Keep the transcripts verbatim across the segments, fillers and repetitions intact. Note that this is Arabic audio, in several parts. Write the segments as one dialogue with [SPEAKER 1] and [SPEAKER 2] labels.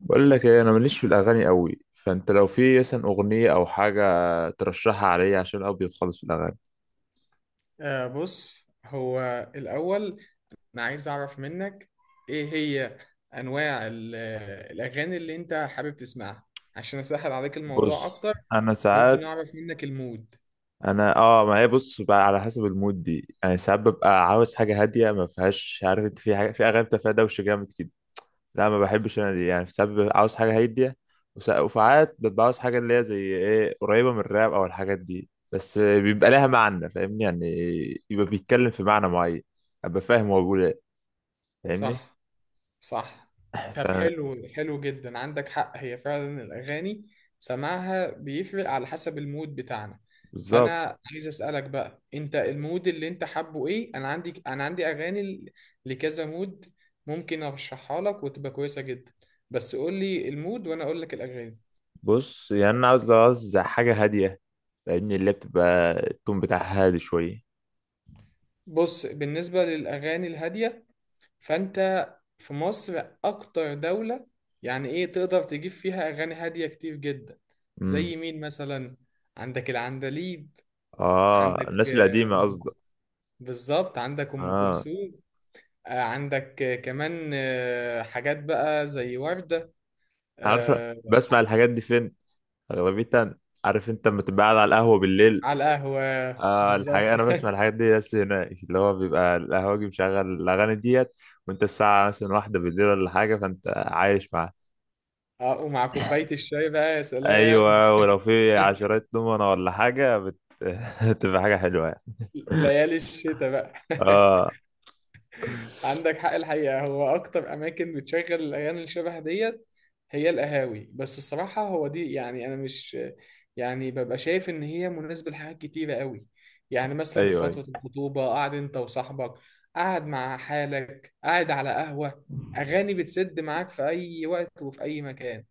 [SPEAKER 1] بقول لك ايه، انا ماليش في الاغاني قوي، فانت لو في مثلا اغنيه او حاجه ترشحها عليا عشان ابيض خالص في الاغاني.
[SPEAKER 2] آه، بص هو الأول، أنا عايز أعرف منك إيه هي أنواع ال- الأغاني اللي أنت حابب تسمعها، عشان أسهل عليك الموضوع
[SPEAKER 1] بص
[SPEAKER 2] أكتر.
[SPEAKER 1] انا
[SPEAKER 2] ممكن
[SPEAKER 1] ساعات.
[SPEAKER 2] أعرف منك المود؟
[SPEAKER 1] انا اه ما هي بص بقى على حسب المود دي، انا ساعات ببقى عاوز حاجه هاديه ما فيهاش، عارف انت، في حاجه، في اغاني بتبقى فيها دوشه جامد كده. لا ما بحبش انا دي، يعني ساعات ببقى عاوز حاجه هاديه، وسا- وساعات ببقى عاوز حاجه اللي هي زي ايه، قريبه من الراب او الحاجات دي، بس بيبقى لها معنى، فاهمني يعني؟ يبقى بيتكلم في معنى معين، ابقى فاهم هو بيقول ايه. فاهمني؟
[SPEAKER 2] صح، صح. طب حلو حلو جدا، عندك حق، هي فعلا الأغاني سماعها بيفرق على حسب المود بتاعنا.
[SPEAKER 1] بالظبط.
[SPEAKER 2] فأنا عايز أسألك بقى، أنت المود اللي أنت حابه إيه؟ أنا عندي أنا عندي أغاني ل- لكذا مود، ممكن أرشحها لك وتبقى كويسة جدا، بس قول لي المود وأنا أقول لك الأغاني.
[SPEAKER 1] بص يعني انا عاوز عاوز حاجه هاديه، لان اللي بتبقى التون بتاعها هادي شويه.
[SPEAKER 2] بص، بالنسبة للأغاني الهادية، فانت في مصر اكتر دولة يعني ايه تقدر تجيب فيها اغاني هادية كتير جدا.
[SPEAKER 1] امم
[SPEAKER 2] زي مين مثلا؟ عندك العندليب،
[SPEAKER 1] اه
[SPEAKER 2] عندك
[SPEAKER 1] الناس
[SPEAKER 2] آه،
[SPEAKER 1] القديمه
[SPEAKER 2] أم ك-
[SPEAKER 1] قصدك.
[SPEAKER 2] بالظبط، عندك ام
[SPEAKER 1] اه.
[SPEAKER 2] كلثوم، آه، عندك، آه، كمان، آه، حاجات بقى زي وردة
[SPEAKER 1] عارف
[SPEAKER 2] آه،
[SPEAKER 1] بسمع الحاجات دي فين اغلبيتها؟ عارف انت لما تبقى قاعد على القهوه بالليل؟
[SPEAKER 2] على القهوة،
[SPEAKER 1] اه الحاجة،
[SPEAKER 2] بالظبط.
[SPEAKER 1] انا بسمع الحاجات دي بس هناك، اللي هو بيبقى القهوجي مشغل الاغاني ديت، وانت الساعه مثلا واحدة بالليل ولا حاجه، فانت عايش معاها.
[SPEAKER 2] اه، ومع كوباية الشاي بقى يا سلام.
[SPEAKER 1] ايوه ولو في عشرات دومنه ولا حاجه بت... بتبقى حاجه حلوه يعني.
[SPEAKER 2] ليالي الشتاء بقى.
[SPEAKER 1] اه.
[SPEAKER 2] عندك حق، الحقيقة هو أكتر أماكن بتشغل الأغاني اللي شبه ديت هي القهاوي، بس الصراحة هو دي، يعني أنا مش، يعني ببقى شايف إن هي مناسبة لحاجات كتيرة قوي. يعني مثلا في
[SPEAKER 1] ايوه أيوة.
[SPEAKER 2] فترة الخطوبة، قاعد أنت وصاحبك، قاعد مع حالك، قاعد على قهوة، أغاني بتسد معاك في أي وقت وفي أي مكان.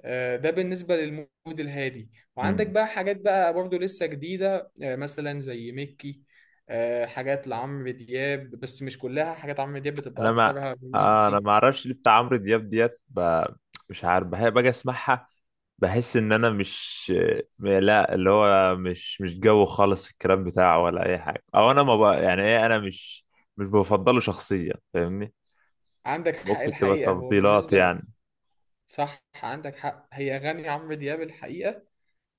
[SPEAKER 2] آه، ده بالنسبة للمود الهادي. وعندك
[SPEAKER 1] مم.
[SPEAKER 2] بقى حاجات بقى برضو لسه جديدة، آه، مثلا زي ميكي، آه، حاجات لعمرو دياب، بس مش كلها حاجات عمرو دياب بتبقى
[SPEAKER 1] انا ما
[SPEAKER 2] أكترها
[SPEAKER 1] آه، انا
[SPEAKER 2] رومانسي.
[SPEAKER 1] ما اعرفش ليه بتاع عمرو دياب ديت ب... مش عارف، بحب باجي اسمعها، بحس ان انا مش، لا اللي هو مش مش جو خالص الكلام بتاعه ولا اي حاجه، او انا ما بقى يعني ايه، انا مش، مش بفضله شخصيا، فاهمني؟
[SPEAKER 2] عندك حق،
[SPEAKER 1] ممكن تبقى
[SPEAKER 2] الحقيقة هو
[SPEAKER 1] تفضيلات
[SPEAKER 2] بالنسبة ل-
[SPEAKER 1] يعني.
[SPEAKER 2] صح، عندك حق، هي أغاني عمرو دياب الحقيقة،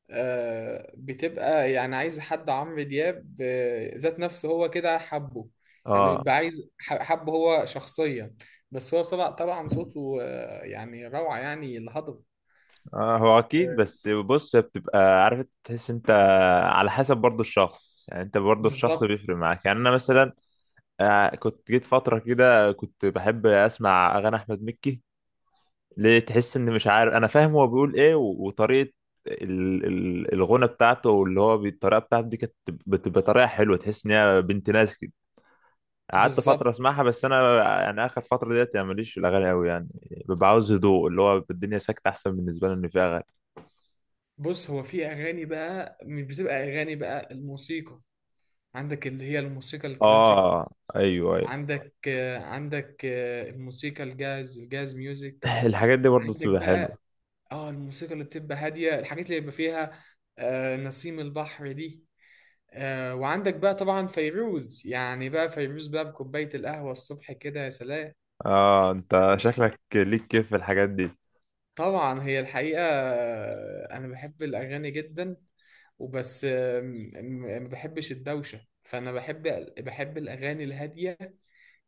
[SPEAKER 2] آه، بتبقى يعني عايز حد عمرو دياب، آه، ذات نفسه هو كده حبه، يعني
[SPEAKER 1] اه.
[SPEAKER 2] بيبقى عايز ح- حبه هو شخصيا، بس هو طبعا طبعا صوته آه، يعني روعة، يعني الهضبة.
[SPEAKER 1] اه هو اكيد، بس بص هي بتبقى، عارف تحس انت على حسب برضو الشخص، يعني انت برضو الشخص
[SPEAKER 2] بالظبط،
[SPEAKER 1] بيفرق معاك، يعني انا مثلا آه، كنت جيت فترة كده كنت بحب أسمع أغاني أحمد مكي، ليه تحس إن مش عارف أنا فاهم هو بيقول إيه، و- وطريقة ال- ال- الغنى بتاعته، واللي هو بي- الطريقة بتاعته دي كانت بتبقى طريقة حلوة، تحس إن هي بنت ناس كده. قعدت فترة
[SPEAKER 2] بالظبط.
[SPEAKER 1] أسمعها، بس أنا يعني آخر فترة ديت يعني ماليش في الأغاني أوي يعني، ببقى عاوز هدوء، اللي هو الدنيا ساكتة أحسن بالنسبة لي إن فيها أغاني.
[SPEAKER 2] بص، هو في اغاني بقى مش بتبقى اغاني، بقى الموسيقى. عندك اللي هي الموسيقى الكلاسيك،
[SPEAKER 1] آه أيوه أيوه.
[SPEAKER 2] عندك آه، عندك آه، الموسيقى الجاز، الجاز ميوزك.
[SPEAKER 1] الحاجات دي برضه
[SPEAKER 2] عندك
[SPEAKER 1] بتبقى حلوة.
[SPEAKER 2] بقى اه الموسيقى اللي بتبقى هاديه، الحاجات اللي بيبقى فيها، آه، نسيم البحر دي، آه، وعندك بقى طبعا فيروز، يعني بقى فيروز بقى بكوبايه القهوه الصبح كده يا سلام.
[SPEAKER 1] آه أنت
[SPEAKER 2] يعني،
[SPEAKER 1] شكلك ليك كيف في الحاجات دي.
[SPEAKER 2] طبعا هي الحقيقه آه، انا بحب الاغاني جدا، وبس آم، م- ما بحبش الدوشة، فأنا بحب، بحب الأغاني الهادية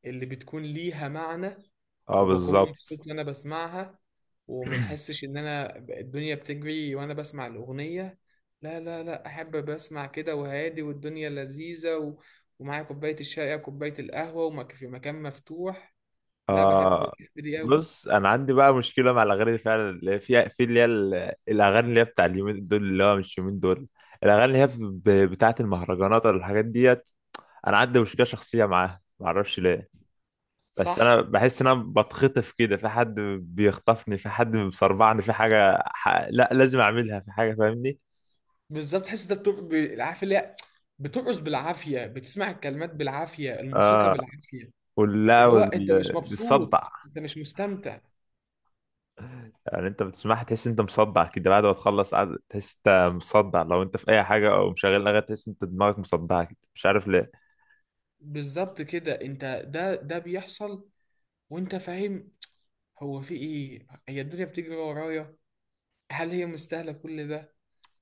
[SPEAKER 2] اللي بتكون ليها معنى،
[SPEAKER 1] آه
[SPEAKER 2] وبكون
[SPEAKER 1] بالظبط.
[SPEAKER 2] مبسوط وأنا بسمعها، وما بحسش إن أنا ب- الدنيا بتجري وأنا بسمع الأغنية. لا لا لا، أحب بسمع كده وهادي، والدنيا لذيذة و... ومعايا كوباية الشاي أو كوباية القهوة، ومك في مكان مفتوح. لا، بحب
[SPEAKER 1] اه
[SPEAKER 2] بحب دي أوي.
[SPEAKER 1] بص انا عندي بقى مشكله مع الاغاني دي فعلا، اللي هي فيها، في اللي هي ال- الاغاني اللي هي بتاع اليومين دول، اللي هو مش يومين دول، الاغاني اللي هي ب- بتاعه المهرجانات ولا الحاجات ديت. انا عندي مشكله شخصيه معاها، ما اعرفش ليه، بس
[SPEAKER 2] صح،
[SPEAKER 1] انا بحس ان انا بتخطف كده في حد، بيخطفني في حد، بيصرعني في حاجه ح... لا لازم اعملها في حاجه، فاهمني؟
[SPEAKER 2] بالظبط، تحس ده بتق... ب- عارف اللي هي بترقص بالعافية، بتسمع الكلمات بالعافية، الموسيقى
[SPEAKER 1] اه
[SPEAKER 2] بالعافية.
[SPEAKER 1] ولا
[SPEAKER 2] اللي هو انت مش
[SPEAKER 1] والصدع.
[SPEAKER 2] مبسوط، انت مش مستمتع.
[SPEAKER 1] يعني انت بتسمعها تحس انت مصدع كده، بعد ما تخلص قاعد تحس انت مصدع، لو انت في اي حاجه او مشغل اغاني تحس انت دماغك مصدعه كده، مش عارف ليه.
[SPEAKER 2] بالظبط كده انت، ده ده بيحصل وانت فاهم. هو في ايه؟ هي الدنيا بتجري ورايا، هل هي مستاهلة كل ده؟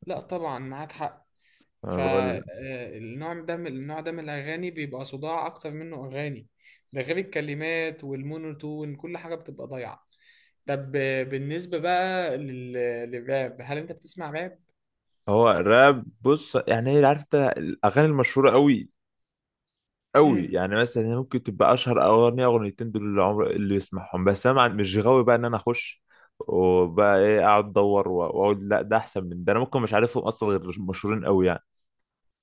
[SPEAKER 2] لا طبعا، معاك حق.
[SPEAKER 1] انا بقول لك،
[SPEAKER 2] فالنوع ده من النوع ده من الاغاني بيبقى صداع اكتر منه اغاني، ده غير الكلمات والمونوتون، كل حاجة بتبقى ضايعة. طب، آه، بالنسبة بقى لل... للراب، هل انت بتسمع راب؟
[SPEAKER 1] هو الراب بص يعني ايه، عارف انت الاغاني المشهوره قوي قوي،
[SPEAKER 2] مم.
[SPEAKER 1] يعني مثلا هي ممكن تبقى اشهر اغنيه اغنيتين دول اللي عمر اللي يسمعهم، بس انا مع- مش غاوي بقى ان انا اخش وبقى ايه، اقعد ادور و- واقول لا ده احسن من ده. انا ممكن مش عارفهم اصلا غير مشهورين قوي يعني.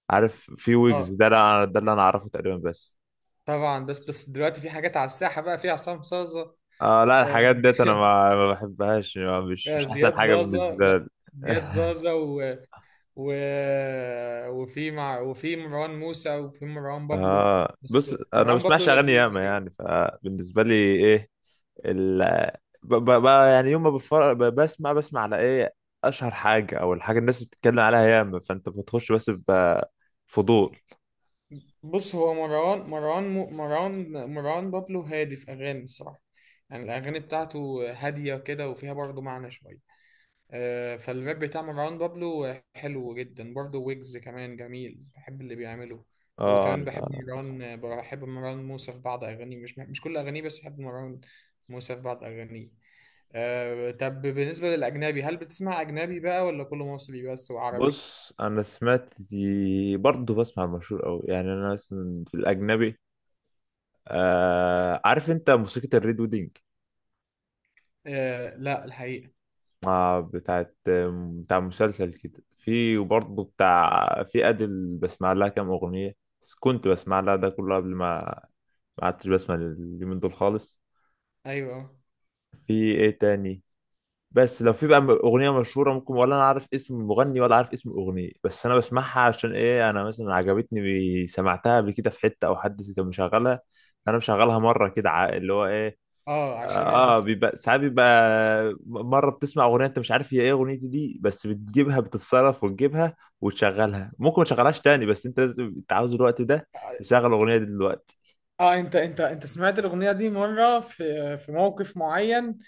[SPEAKER 1] عارف في ويجز
[SPEAKER 2] اه
[SPEAKER 1] ده، لا- ده اللي انا اعرفه تقريبا بس.
[SPEAKER 2] طبعا، بس بس دلوقتي في حاجات على الساحة بقى، في عصام صاصة
[SPEAKER 1] اه لا
[SPEAKER 2] آه،
[SPEAKER 1] الحاجات ديت انا ما, ما بحبهاش، ما- مش
[SPEAKER 2] آه،
[SPEAKER 1] مش احسن
[SPEAKER 2] زياد
[SPEAKER 1] حاجه
[SPEAKER 2] زازا،
[SPEAKER 1] بالنسبه
[SPEAKER 2] لا
[SPEAKER 1] لي.
[SPEAKER 2] زياد زازا و... و... وفي مع... وفي مروان موسى، وفي مروان بابلو.
[SPEAKER 1] اه
[SPEAKER 2] بس
[SPEAKER 1] بص انا ما
[SPEAKER 2] مروان بابلو
[SPEAKER 1] بسمعش اغاني
[SPEAKER 2] لذيذ
[SPEAKER 1] ياما يعني،
[SPEAKER 2] الحقيقة.
[SPEAKER 1] فبالنسبه لي ايه، ال ب- ب- ب- يعني يوم ما بفر... ب- بسمع بسمع على ايه؟ اشهر حاجه او الحاجه الناس بتتكلم عليها ياما، فانت بتخش بس بفضول.
[SPEAKER 2] بص هو مروان مروان م... مروان مروان بابلو هادي في أغاني الصراحة. يعني الأغاني بتاعته هادية كده وفيها برضه معنى شوية، آه، فالراب بتاع مروان بابلو حلو جدا برضه، ويجز كمان جميل، بحب اللي بيعمله.
[SPEAKER 1] اه
[SPEAKER 2] وكمان
[SPEAKER 1] لا.
[SPEAKER 2] بحب مروان بحب مروان موسى في بعض أغانيه، مش مش كل أغانيه، بس بحب مروان موسى في بعض أغانيه. آه، طب بالنسبة للأجنبي، هل بتسمع أجنبي بقى ولا كله مصري بس وعربي؟
[SPEAKER 1] بص انا سمعت، برضه بسمع مشهور قوي، يعني انا مثلا في الاجنبي، آه عارف انت موسيقى الريد ويدنج؟
[SPEAKER 2] آه، لا الحقيقة.
[SPEAKER 1] آه بتاعت بتاع مسلسل كده، في وبرضه بتاع، في أدل بسمع لها كام أغنية، بس كنت بسمع لها ده كله قبل ما، ما عدتش بسمع اليومين دول خالص.
[SPEAKER 2] أيوه.
[SPEAKER 1] في إيه تاني؟ بس لو في بقى أغنية مشهورة ممكن، ولا أنا عارف اسم المغني ولا عارف اسم الأغنية، بس أنا بسمعها عشان إيه، أنا مثلا عجبتني، سمعتها قبل كده في حتة أو حد كان مشغلها، أنا مشغلها مرة كده ع- اللي هو إيه.
[SPEAKER 2] اه
[SPEAKER 1] اه.
[SPEAKER 2] عشان انت
[SPEAKER 1] آه،
[SPEAKER 2] س...
[SPEAKER 1] بيبقى ساعات بيبقى مره بتسمع اغنيه انت مش عارف هي ايه اغنيتي دي، بس بتجيبها، بتتصرف وتجيبها وتشغلها، ممكن ما تشغلهاش تاني بس انت لازم، انت عاوز الوقت ده
[SPEAKER 2] اه
[SPEAKER 1] تشغل الاغنيه دي دلوقتي.
[SPEAKER 2] آه، انت انت انت سمعت الاغنيه دي مره في في موقف معين،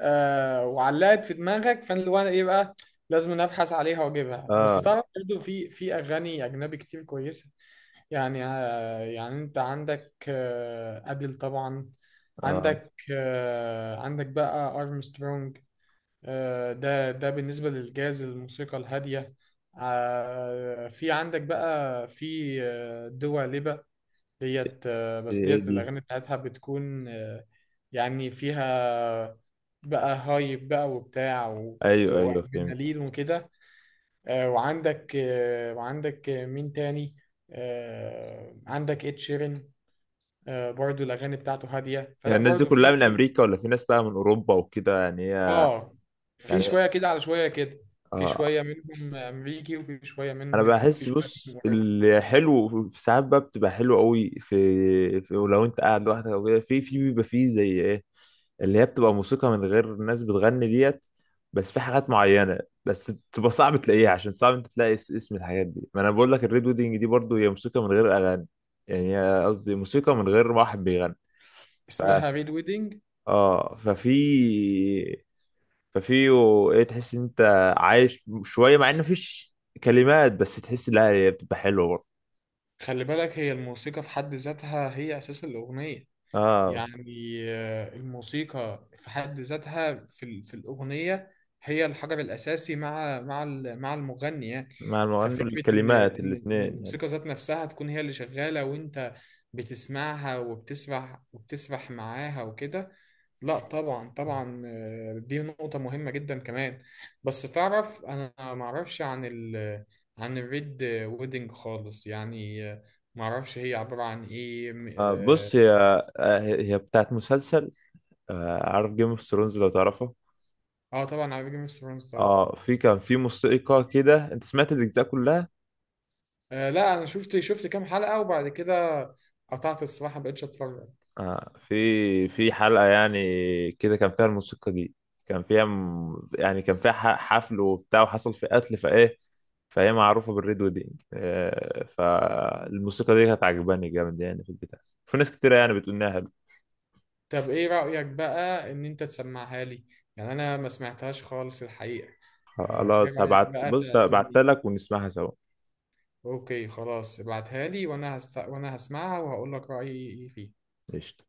[SPEAKER 2] آه، وعلقت في دماغك، فانا اللي هو انا ايه بقى، لازم أنا ابحث عليها واجيبها. بس
[SPEAKER 1] اه.
[SPEAKER 2] تعرف برضه في في اغاني اجنبي كتير كويسه. يعني آه يعني انت عندك آه اديل طبعا،
[SPEAKER 1] اه.
[SPEAKER 2] عندك آه عندك بقى ارمسترونج، آه ده ده بالنسبه للجاز، الموسيقى الهاديه. آه في عندك بقى في، آه، دوا ليبا ديت، آه،
[SPEAKER 1] دي
[SPEAKER 2] بس
[SPEAKER 1] ايه
[SPEAKER 2] ديت
[SPEAKER 1] دي؟
[SPEAKER 2] الأغاني بتاعتها بتكون آه، يعني فيها بقى هايب بقى وبتاع و-
[SPEAKER 1] ايوه ايوه فهمت.
[SPEAKER 2] وأدرينالين وكده. آه، وعندك آه، وعندك، آه، مين تاني؟ آه، عندك إد شيرين، آه، برضو الأغاني بتاعته هادية،
[SPEAKER 1] يعني
[SPEAKER 2] فلا
[SPEAKER 1] الناس دي
[SPEAKER 2] برضو
[SPEAKER 1] كلها
[SPEAKER 2] في
[SPEAKER 1] من
[SPEAKER 2] في
[SPEAKER 1] امريكا، ولا في ناس بقى من اوروبا وكده يعني هي؟
[SPEAKER 2] آه في
[SPEAKER 1] يعني
[SPEAKER 2] شوية كده على شوية كده. في
[SPEAKER 1] اه.
[SPEAKER 2] شوية منهم أمريكي، وفي شوية
[SPEAKER 1] انا
[SPEAKER 2] منهم في
[SPEAKER 1] بحس،
[SPEAKER 2] شوية
[SPEAKER 1] بص
[SPEAKER 2] منهم أوروبي.
[SPEAKER 1] الحلو في ساعات بقى بتبقى حلو قوي، في, في لو انت قاعد لوحدك او كده، في في بيبقى فيه زي ايه، اللي هي بتبقى موسيقى من غير ناس بتغني ديت، بس في حاجات معينة، بس بتبقى صعب تلاقيها عشان صعب انت تلاقي اس- اسم الحاجات دي. ما انا بقول لك الريد ويدنج دي برضو هي موسيقى من غير اغاني، يعني هي قصدي موسيقى من غير واحد بيغني.
[SPEAKER 2] اسمها ريد ويدنج.
[SPEAKER 1] اه ففي ففي و- ايه، تحس ان انت عايش شوية مع ان مفيش كلمات، بس تحس لا، هي بتبقى حلوة برضو.
[SPEAKER 2] خلي بالك، هي الموسيقى في حد ذاتها هي أساس الأغنية،
[SPEAKER 1] اه
[SPEAKER 2] يعني آه، الموسيقى في حد ذاتها في ال- في الأغنية هي الحجر الأساسي، مع مع ال- مع المغني يعني.
[SPEAKER 1] مع المغني
[SPEAKER 2] ففكرة إن
[SPEAKER 1] والكلمات
[SPEAKER 2] إن إن
[SPEAKER 1] الاثنين يعني.
[SPEAKER 2] الموسيقى ذات نفسها تكون هي اللي شغالة، وأنت بتسمعها وبتسرح، وبتسرح معاها وكده. لا، طبعا طبعا، آه، دي نقطة مهمة جدا كمان. بس تعرف أنا معرفش عن ال عن الريد ويدنج خالص يعني، آه، معرفش هي عبارة عن إيه.
[SPEAKER 1] آه بص هي، آه هي بتاعت مسلسل، آه عارف جيم اوف ثرونز لو تعرفه؟
[SPEAKER 2] اه طبعا، على جيم اوف ثرونز طبعا.
[SPEAKER 1] اه في كان في موسيقى كده، انت سمعت الاجزاء كلها؟
[SPEAKER 2] آه لا انا شفت شفت كام حلقة وبعد كده قطعت الصراحة، مبقتش اتفرج.
[SPEAKER 1] آه في في حلقة يعني كده كان فيها الموسيقى دي، كان فيها م- يعني كان فيها ح- حفل وبتاع وحصل في قتل، فايه فهي معروفة بالريد ويدنج، آه فالموسيقى دي كانت عجباني جامد يعني في البتاع، في ناس كتيرة يعني بتقول إنها.
[SPEAKER 2] طب ايه رأيك بقى ان انت تسمعها لي؟ يعني انا ما سمعتهاش خالص الحقيقة. آه، ايه
[SPEAKER 1] خلاص
[SPEAKER 2] رأيك
[SPEAKER 1] هبعت،
[SPEAKER 2] بقى
[SPEAKER 1] بص
[SPEAKER 2] تعزمني.
[SPEAKER 1] هبعتها لك ونسمعها سوا.
[SPEAKER 2] اوكي خلاص، ابعتها لي، وانا هست... وانا هسمعها وهقول لك رأيي فيها.
[SPEAKER 1] قشطة.